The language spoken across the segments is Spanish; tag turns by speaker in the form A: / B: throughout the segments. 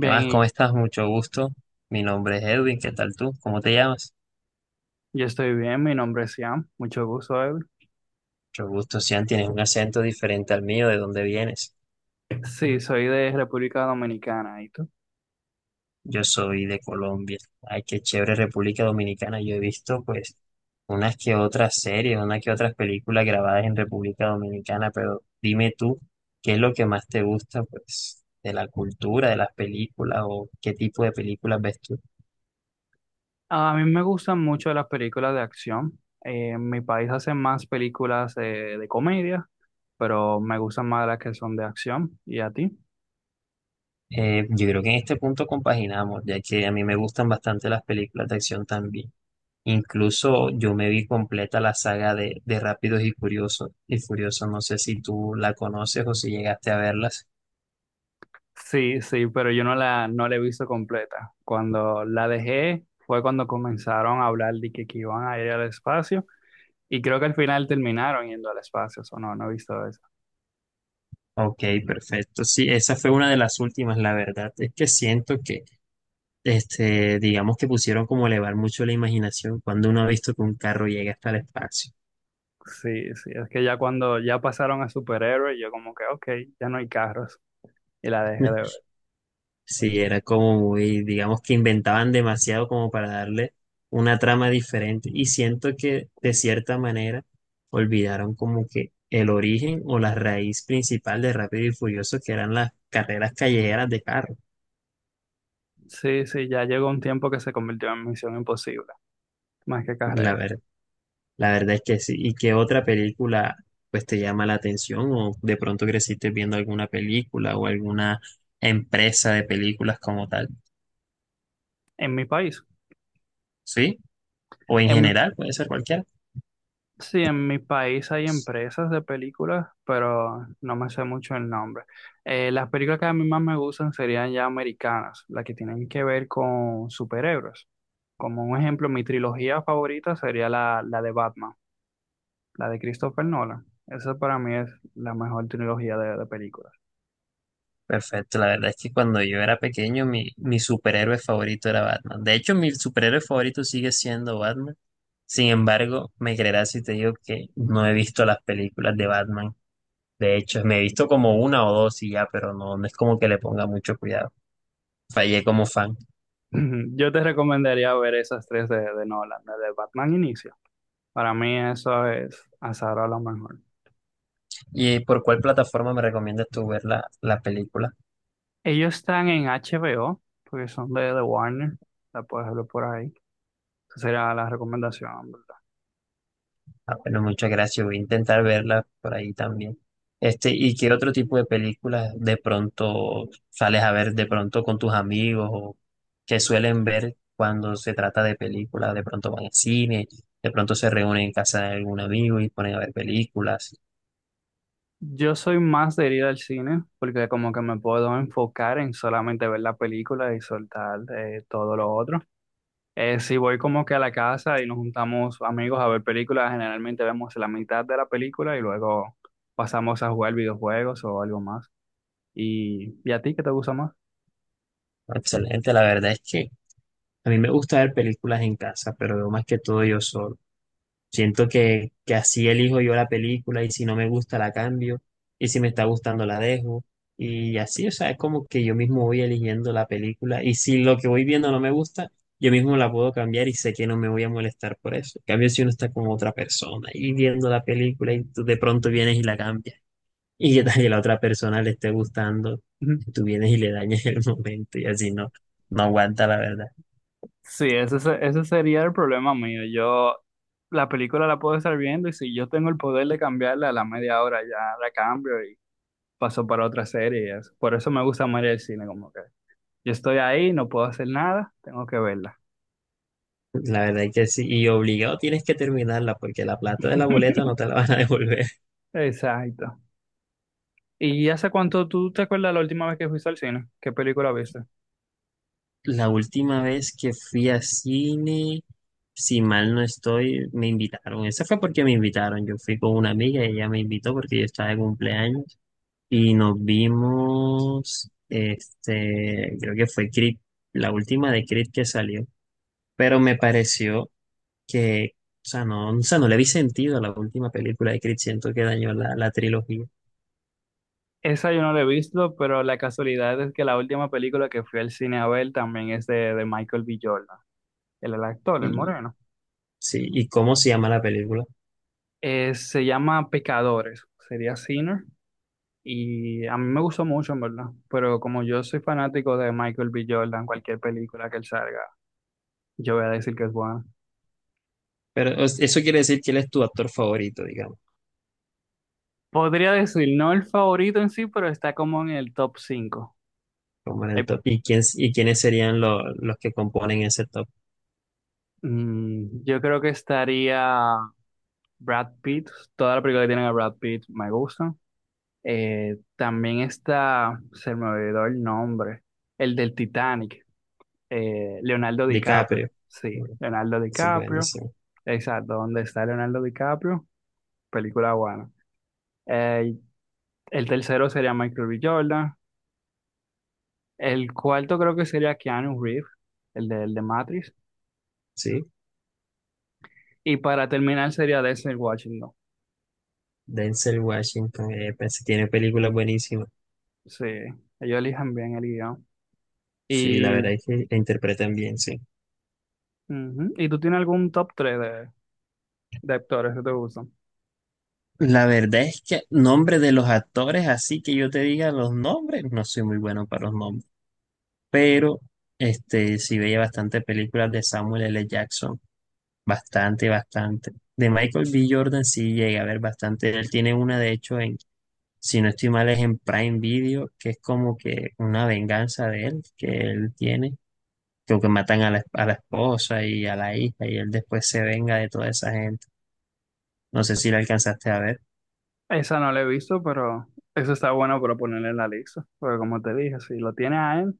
A: ¿Qué más? ¿Cómo
B: y
A: estás? Mucho gusto. Mi nombre es Edwin. ¿Qué tal tú? ¿Cómo te llamas?
B: yo estoy bien. Mi nombre es Ian. Mucho gusto, Evelyn.
A: Mucho gusto, Sian. Tienes un acento diferente al mío. ¿De dónde vienes?
B: Sí, soy de República Dominicana. ¿Y tú?
A: Yo soy de Colombia. Ay, qué chévere República Dominicana. Yo he visto, pues, unas que otras series, unas que otras películas grabadas en República Dominicana, pero dime tú, ¿qué es lo que más te gusta, pues, de la cultura, de las películas o qué tipo de películas ves tú?
B: A mí me gustan mucho las películas de acción. En mi país hacen más películas de comedia, pero me gustan más las que son de acción. ¿Y a ti?
A: Yo creo que en este punto compaginamos, ya que a mí me gustan bastante las películas de acción también. Incluso yo me vi completa la saga de Rápidos y Curiosos y Furiosos. No sé si tú la conoces o si llegaste a verlas.
B: Sí, sí, pero yo no la he visto completa. Cuando la dejé fue cuando comenzaron a hablar de que iban a ir al espacio y creo que al final terminaron yendo al espacio. O no, no he visto eso.
A: Ok, perfecto. Sí, esa fue una de las últimas, la verdad. Es que siento que, este, digamos que pusieron como a elevar mucho la imaginación cuando uno ha visto que un carro llega hasta el espacio.
B: Sí, sí, es que ya cuando ya pasaron a superhéroes, yo como que, ok, ya no hay carros y la dejé de ver.
A: Sí, era como muy, digamos que inventaban demasiado como para darle una trama diferente. Y siento que de cierta manera olvidaron como que el origen o la raíz principal de Rápido y Furioso, que eran las carreras callejeras de carro.
B: Sí, sí, ya llegó un tiempo que se convirtió en Misión Imposible, más que
A: La
B: carrera.
A: ver- la verdad es que sí. ¿Y qué otra película pues te llama la atención? O de pronto creciste viendo alguna película o alguna empresa de películas como tal.
B: En mi país,
A: ¿Sí? O en
B: en mi,
A: general, puede ser cualquiera.
B: sí, en mi país hay empresas de películas, pero no me sé mucho el nombre. Las películas que a mí más me gustan serían ya americanas, las que tienen que ver con superhéroes. Como un ejemplo, mi trilogía favorita sería la de Batman. La de Christopher Nolan. Esa para mí es la mejor trilogía de películas.
A: Perfecto, la verdad es que cuando yo era pequeño mi superhéroe favorito era Batman. De hecho, mi superhéroe favorito sigue siendo Batman. Sin embargo, me creerás si te digo que no he visto las películas de Batman. De hecho, me he visto como una o dos y ya, pero no, no es como que le ponga mucho cuidado. Fallé como fan.
B: Yo te recomendaría ver esas tres de Nolan, la de Batman Inicia. Para mí eso es hasta ahora lo mejor.
A: ¿Y por cuál plataforma me recomiendas tú ver la película?
B: Ellos están en HBO, porque son de Warner, la puedes ver por ahí. Esa sería la recomendación, ¿verdad?
A: Ah, bueno, muchas gracias. Voy a intentar verla por ahí también. Este, ¿y qué otro tipo de películas de pronto sales a ver de pronto con tus amigos o que suelen ver cuando se trata de películas? De pronto van al cine, de pronto se reúnen en casa de algún amigo y ponen a ver películas.
B: Yo soy más de ir al cine porque como que me puedo enfocar en solamente ver la película y soltar todo lo otro. Sí, voy como que a la casa y nos juntamos amigos a ver películas. Generalmente vemos la mitad de la película y luego pasamos a jugar videojuegos o algo más. ¿Y a ti qué te gusta más?
A: Excelente, la verdad es que a mí me gusta ver películas en casa, pero veo más que todo yo solo. Siento que así elijo yo la película y si no me gusta la cambio y si me está gustando la dejo y así, o sea, es como que yo mismo voy eligiendo la película y si lo que voy viendo no me gusta, yo mismo la puedo cambiar y sé que no me voy a molestar por eso. En cambio, si uno está con otra persona y viendo la película y tú de pronto vienes y la cambias y que tal que la otra persona le esté gustando,
B: Ujú.
A: tú vienes y le dañas el momento y así no, no aguanta la verdad.
B: Sí, ese sería el problema mío. Yo la película la puedo estar viendo y si yo tengo el poder de cambiarla a la media hora ya la cambio y paso para otra serie y eso. Por eso me gusta más ir al cine, como que yo estoy ahí, no puedo hacer nada, tengo que verla.
A: La verdad es que sí, y obligado tienes que terminarla porque la plata de la boleta no te la van a devolver.
B: Exacto. ¿Y hace cuánto tú te acuerdas la última vez que fuiste al cine? ¿Qué película viste?
A: La última vez que fui a cine, si mal no estoy, me invitaron. Esa fue porque me invitaron. Yo fui con una amiga y ella me invitó porque yo estaba de cumpleaños y nos vimos, este, creo que fue Creed, la última de Creed que salió, pero me pareció que, o sea, no le vi sentido a la última película de Creed, siento que dañó la trilogía.
B: Esa yo no la he visto, pero la casualidad es que la última película que fui al cine a ver también es de Michael B. Jordan, el actor, el moreno.
A: Sí, ¿y cómo se llama la película?
B: Se llama Pecadores, sería Sinner, y a mí me gustó mucho, en verdad. Pero como yo soy fanático de Michael B. Jordan, cualquier película que él salga, yo voy a decir que es buena.
A: Pero o sea, eso quiere decir quién es tu actor favorito, digamos,
B: Podría decir, no el favorito en sí, pero está como en el top cinco.
A: como en el
B: Eh,
A: top. ¿Y quién, y quiénes serían los que componen ese top?
B: yo creo que estaría Brad Pitt, toda la película que tienen a Brad Pitt me gusta. También está, se me olvidó el nombre, el del Titanic, Leonardo DiCaprio.
A: DiCaprio.
B: Sí,
A: Bueno,
B: Leonardo
A: ese es
B: DiCaprio.
A: buenísimo.
B: Exacto, ¿dónde está Leonardo DiCaprio? Película buena. Eh, el tercero sería Michael B. Jordan. El cuarto creo que sería Keanu Reeves, el de Matrix.
A: Sí,
B: Y para terminar sería Denzel Washington.
A: Denzel Washington, pues, tiene películas buenísimas.
B: Sí, ellos eligen bien el guión.
A: Sí, la
B: Y,
A: verdad es que la interpretan bien, sí.
B: ujú, ¿y tú tienes algún top 3 de actores que te gustan?
A: La verdad es que nombre de los actores, así que yo te diga los nombres, no soy muy bueno para los nombres. Pero este sí veía bastante películas de Samuel L. Jackson. Bastante, bastante. De Michael B. Jordan sí llega a ver bastante. Él tiene una, de hecho, en, si no estoy mal, es en Prime Video, que es como que una venganza de él, que él tiene, creo que matan a la esposa y a la hija, y él después se venga de toda esa gente. No sé si la alcanzaste a ver.
B: Esa no la he visto, pero eso está bueno para ponerle en la lista. Porque como te dije, si lo tiene a él,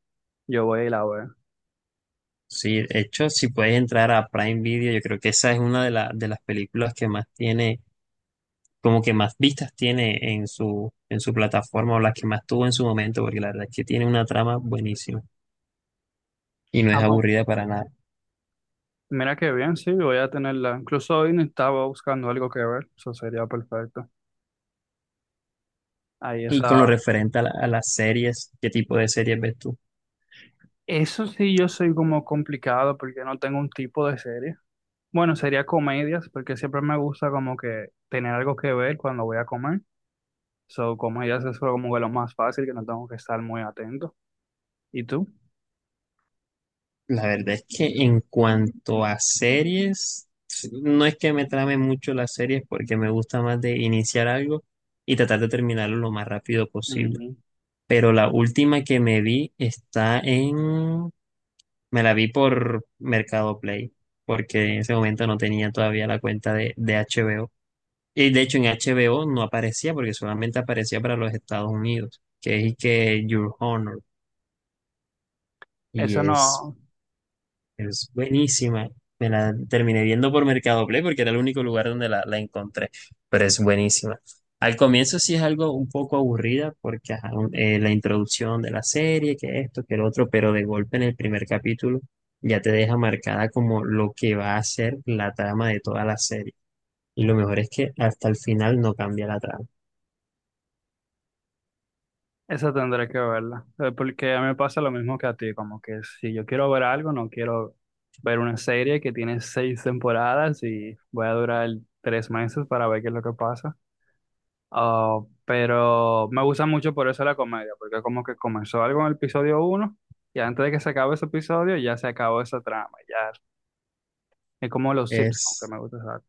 B: yo voy y la veo.
A: Sí, de hecho, si puedes entrar a Prime Video, yo creo que esa es una de, de las películas que más tiene, como que más vistas tiene en su plataforma o las que más tuvo en su momento, porque la verdad es que tiene una trama buenísima y no
B: Ah,
A: es
B: pues,
A: aburrida para nada.
B: mira qué bien, sí, voy a tenerla. Incluso hoy no estaba buscando algo que ver, eso sería perfecto. Ahí
A: Y con lo
B: esa.
A: referente a, a las series, ¿qué tipo de series ves tú?
B: Eso sí, yo soy como complicado porque no tengo un tipo de serie. Bueno, sería comedias, porque siempre me gusta como que tener algo que ver cuando voy a comer. So, comedias es como que lo más fácil, que no tengo que estar muy atento. ¿Y tú?
A: La verdad es que en cuanto a series, no es que me trame mucho las series porque me gusta más de iniciar algo y tratar de terminarlo lo más rápido posible.
B: Ujú.
A: Pero la última que me vi está en... Me la vi por Mercado Play, porque en ese momento no tenía todavía la cuenta de HBO. Y de hecho en HBO no aparecía porque solamente aparecía para los Estados Unidos, que es que Your Honor. Y
B: Eso
A: es,
B: no.
A: es buenísima. Me la terminé viendo por Mercado Play porque era el único lugar donde la encontré, pero es buenísima. Al comienzo sí es algo un poco aburrida porque ajá, la introducción de la serie, que esto, que el otro, pero de golpe en el primer capítulo ya te deja marcada como lo que va a ser la trama de toda la serie. Y lo mejor es que hasta el final no cambia la trama.
B: Esa tendré que verla, porque a mí me pasa lo mismo que a ti, como que si yo quiero ver algo, no quiero ver una serie que tiene seis temporadas y voy a durar 3 meses para ver qué es lo que pasa. Ah, pero me gusta mucho por eso la comedia, porque como que comenzó algo en el episodio uno y antes de que se acabe ese episodio ya se acabó esa trama, ya es como los Simpsons que
A: Es
B: me gusta usar.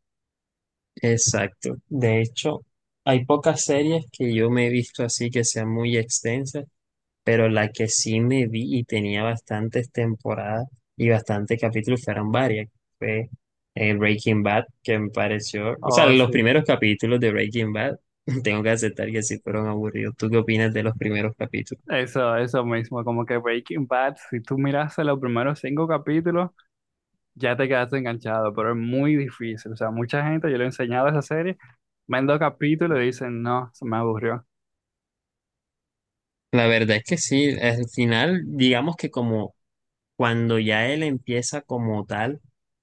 A: Exacto. De hecho, hay pocas series que yo me he visto así que sean muy extensas, pero la que sí me vi y tenía bastantes temporadas y bastantes capítulos fueron varias. Fue Breaking Bad, que me pareció, o sea,
B: Oh,
A: los
B: sí,
A: primeros capítulos de Breaking Bad, tengo que aceptar que sí fueron aburridos. ¿Tú qué opinas de los primeros capítulos?
B: eso mismo, como que Breaking Bad, si tú miras los primeros cinco capítulos, ya te quedaste enganchado, pero es muy difícil. O sea, mucha gente, yo le he enseñado esa serie, ven dos capítulos y dicen, no, se me aburrió,
A: La verdad es que sí, al final, digamos que como cuando ya él empieza como tal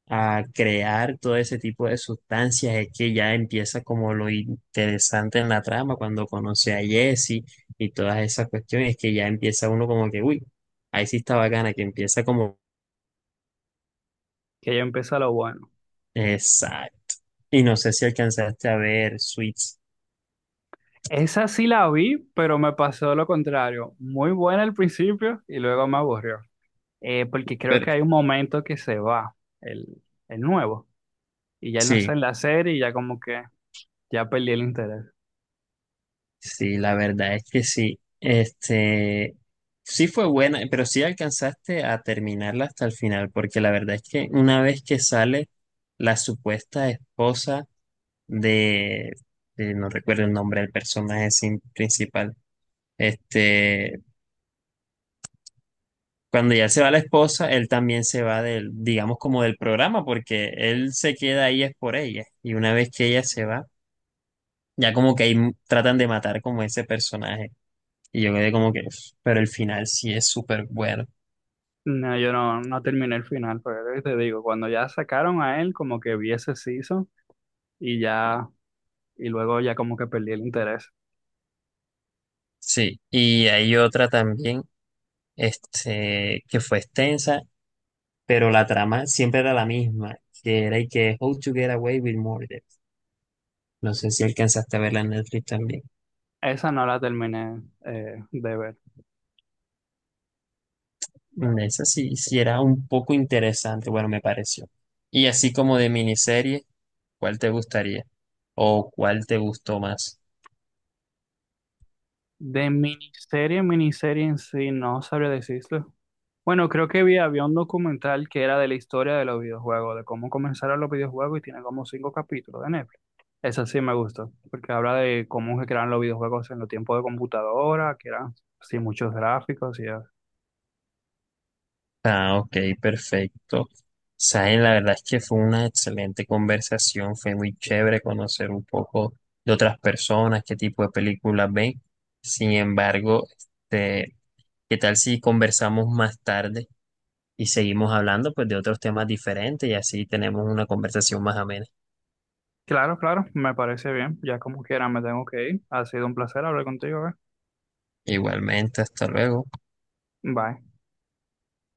A: a crear todo ese tipo de sustancias, es que ya empieza como lo interesante en la trama, cuando conoce a Jesse y todas esas cuestiones, que ya empieza uno como que, uy, ahí sí está bacana, que empieza como,
B: que ya empieza lo bueno.
A: exacto. Y no sé si alcanzaste a ver Suits.
B: Esa sí la vi, pero me pasó lo contrario. Muy buena al principio y luego me aburrió. Porque creo
A: Pero
B: que hay un momento que se va, el, el nuevo, y ya él no está
A: sí.
B: en la serie y ya como que ya perdí el interés.
A: Sí, la verdad es que sí. Este, sí fue buena, pero sí alcanzaste a terminarla hasta el final, porque la verdad es que una vez que sale la supuesta esposa de, no recuerdo el nombre del personaje principal, este, cuando ya se va la esposa, él también se va del, digamos como del programa, porque él se queda ahí es por ella, y una vez que ella se va, ya como que ahí tratan de matar como ese personaje. Y yo quedé como que, "Uf", pero el final sí es súper bueno.
B: No, yo no terminé el final, pero es lo que te digo, cuando ya sacaron a él, como que vi ese season y ya, y luego ya como que perdí el interés.
A: Sí, y hay otra también, este, que fue extensa, pero la trama siempre era la misma, que era y que How to Get Away with Murder. No sé si alcanzaste a verla en Netflix también.
B: Esa no la terminé de ver.
A: Mm, esa sí, sí era un poco interesante, bueno, me pareció. Y así como de miniserie, ¿cuál te gustaría? ¿O cuál te gustó más?
B: De miniserie, miniserie en sí, no sabría decirlo. Bueno, creo que vi, había un documental que era de la historia de los videojuegos, de cómo comenzaron los videojuegos y tiene como cinco capítulos de Netflix. Esa sí me gustó, porque habla de cómo se crearon los videojuegos en los tiempos de computadora, que eran sin muchos gráficos y eso.
A: Ah, ok, perfecto. Saben, la verdad es que fue una excelente conversación, fue muy chévere conocer un poco de otras personas, qué tipo de películas ven. Sin embargo, este, ¿qué tal si conversamos más tarde y seguimos hablando pues de otros temas diferentes y así tenemos una conversación más amena?
B: Claro, claro, me parece bien. Ya como quiera me tengo que ir. Ha sido un placer hablar contigo.
A: Igualmente, hasta luego.
B: Bye.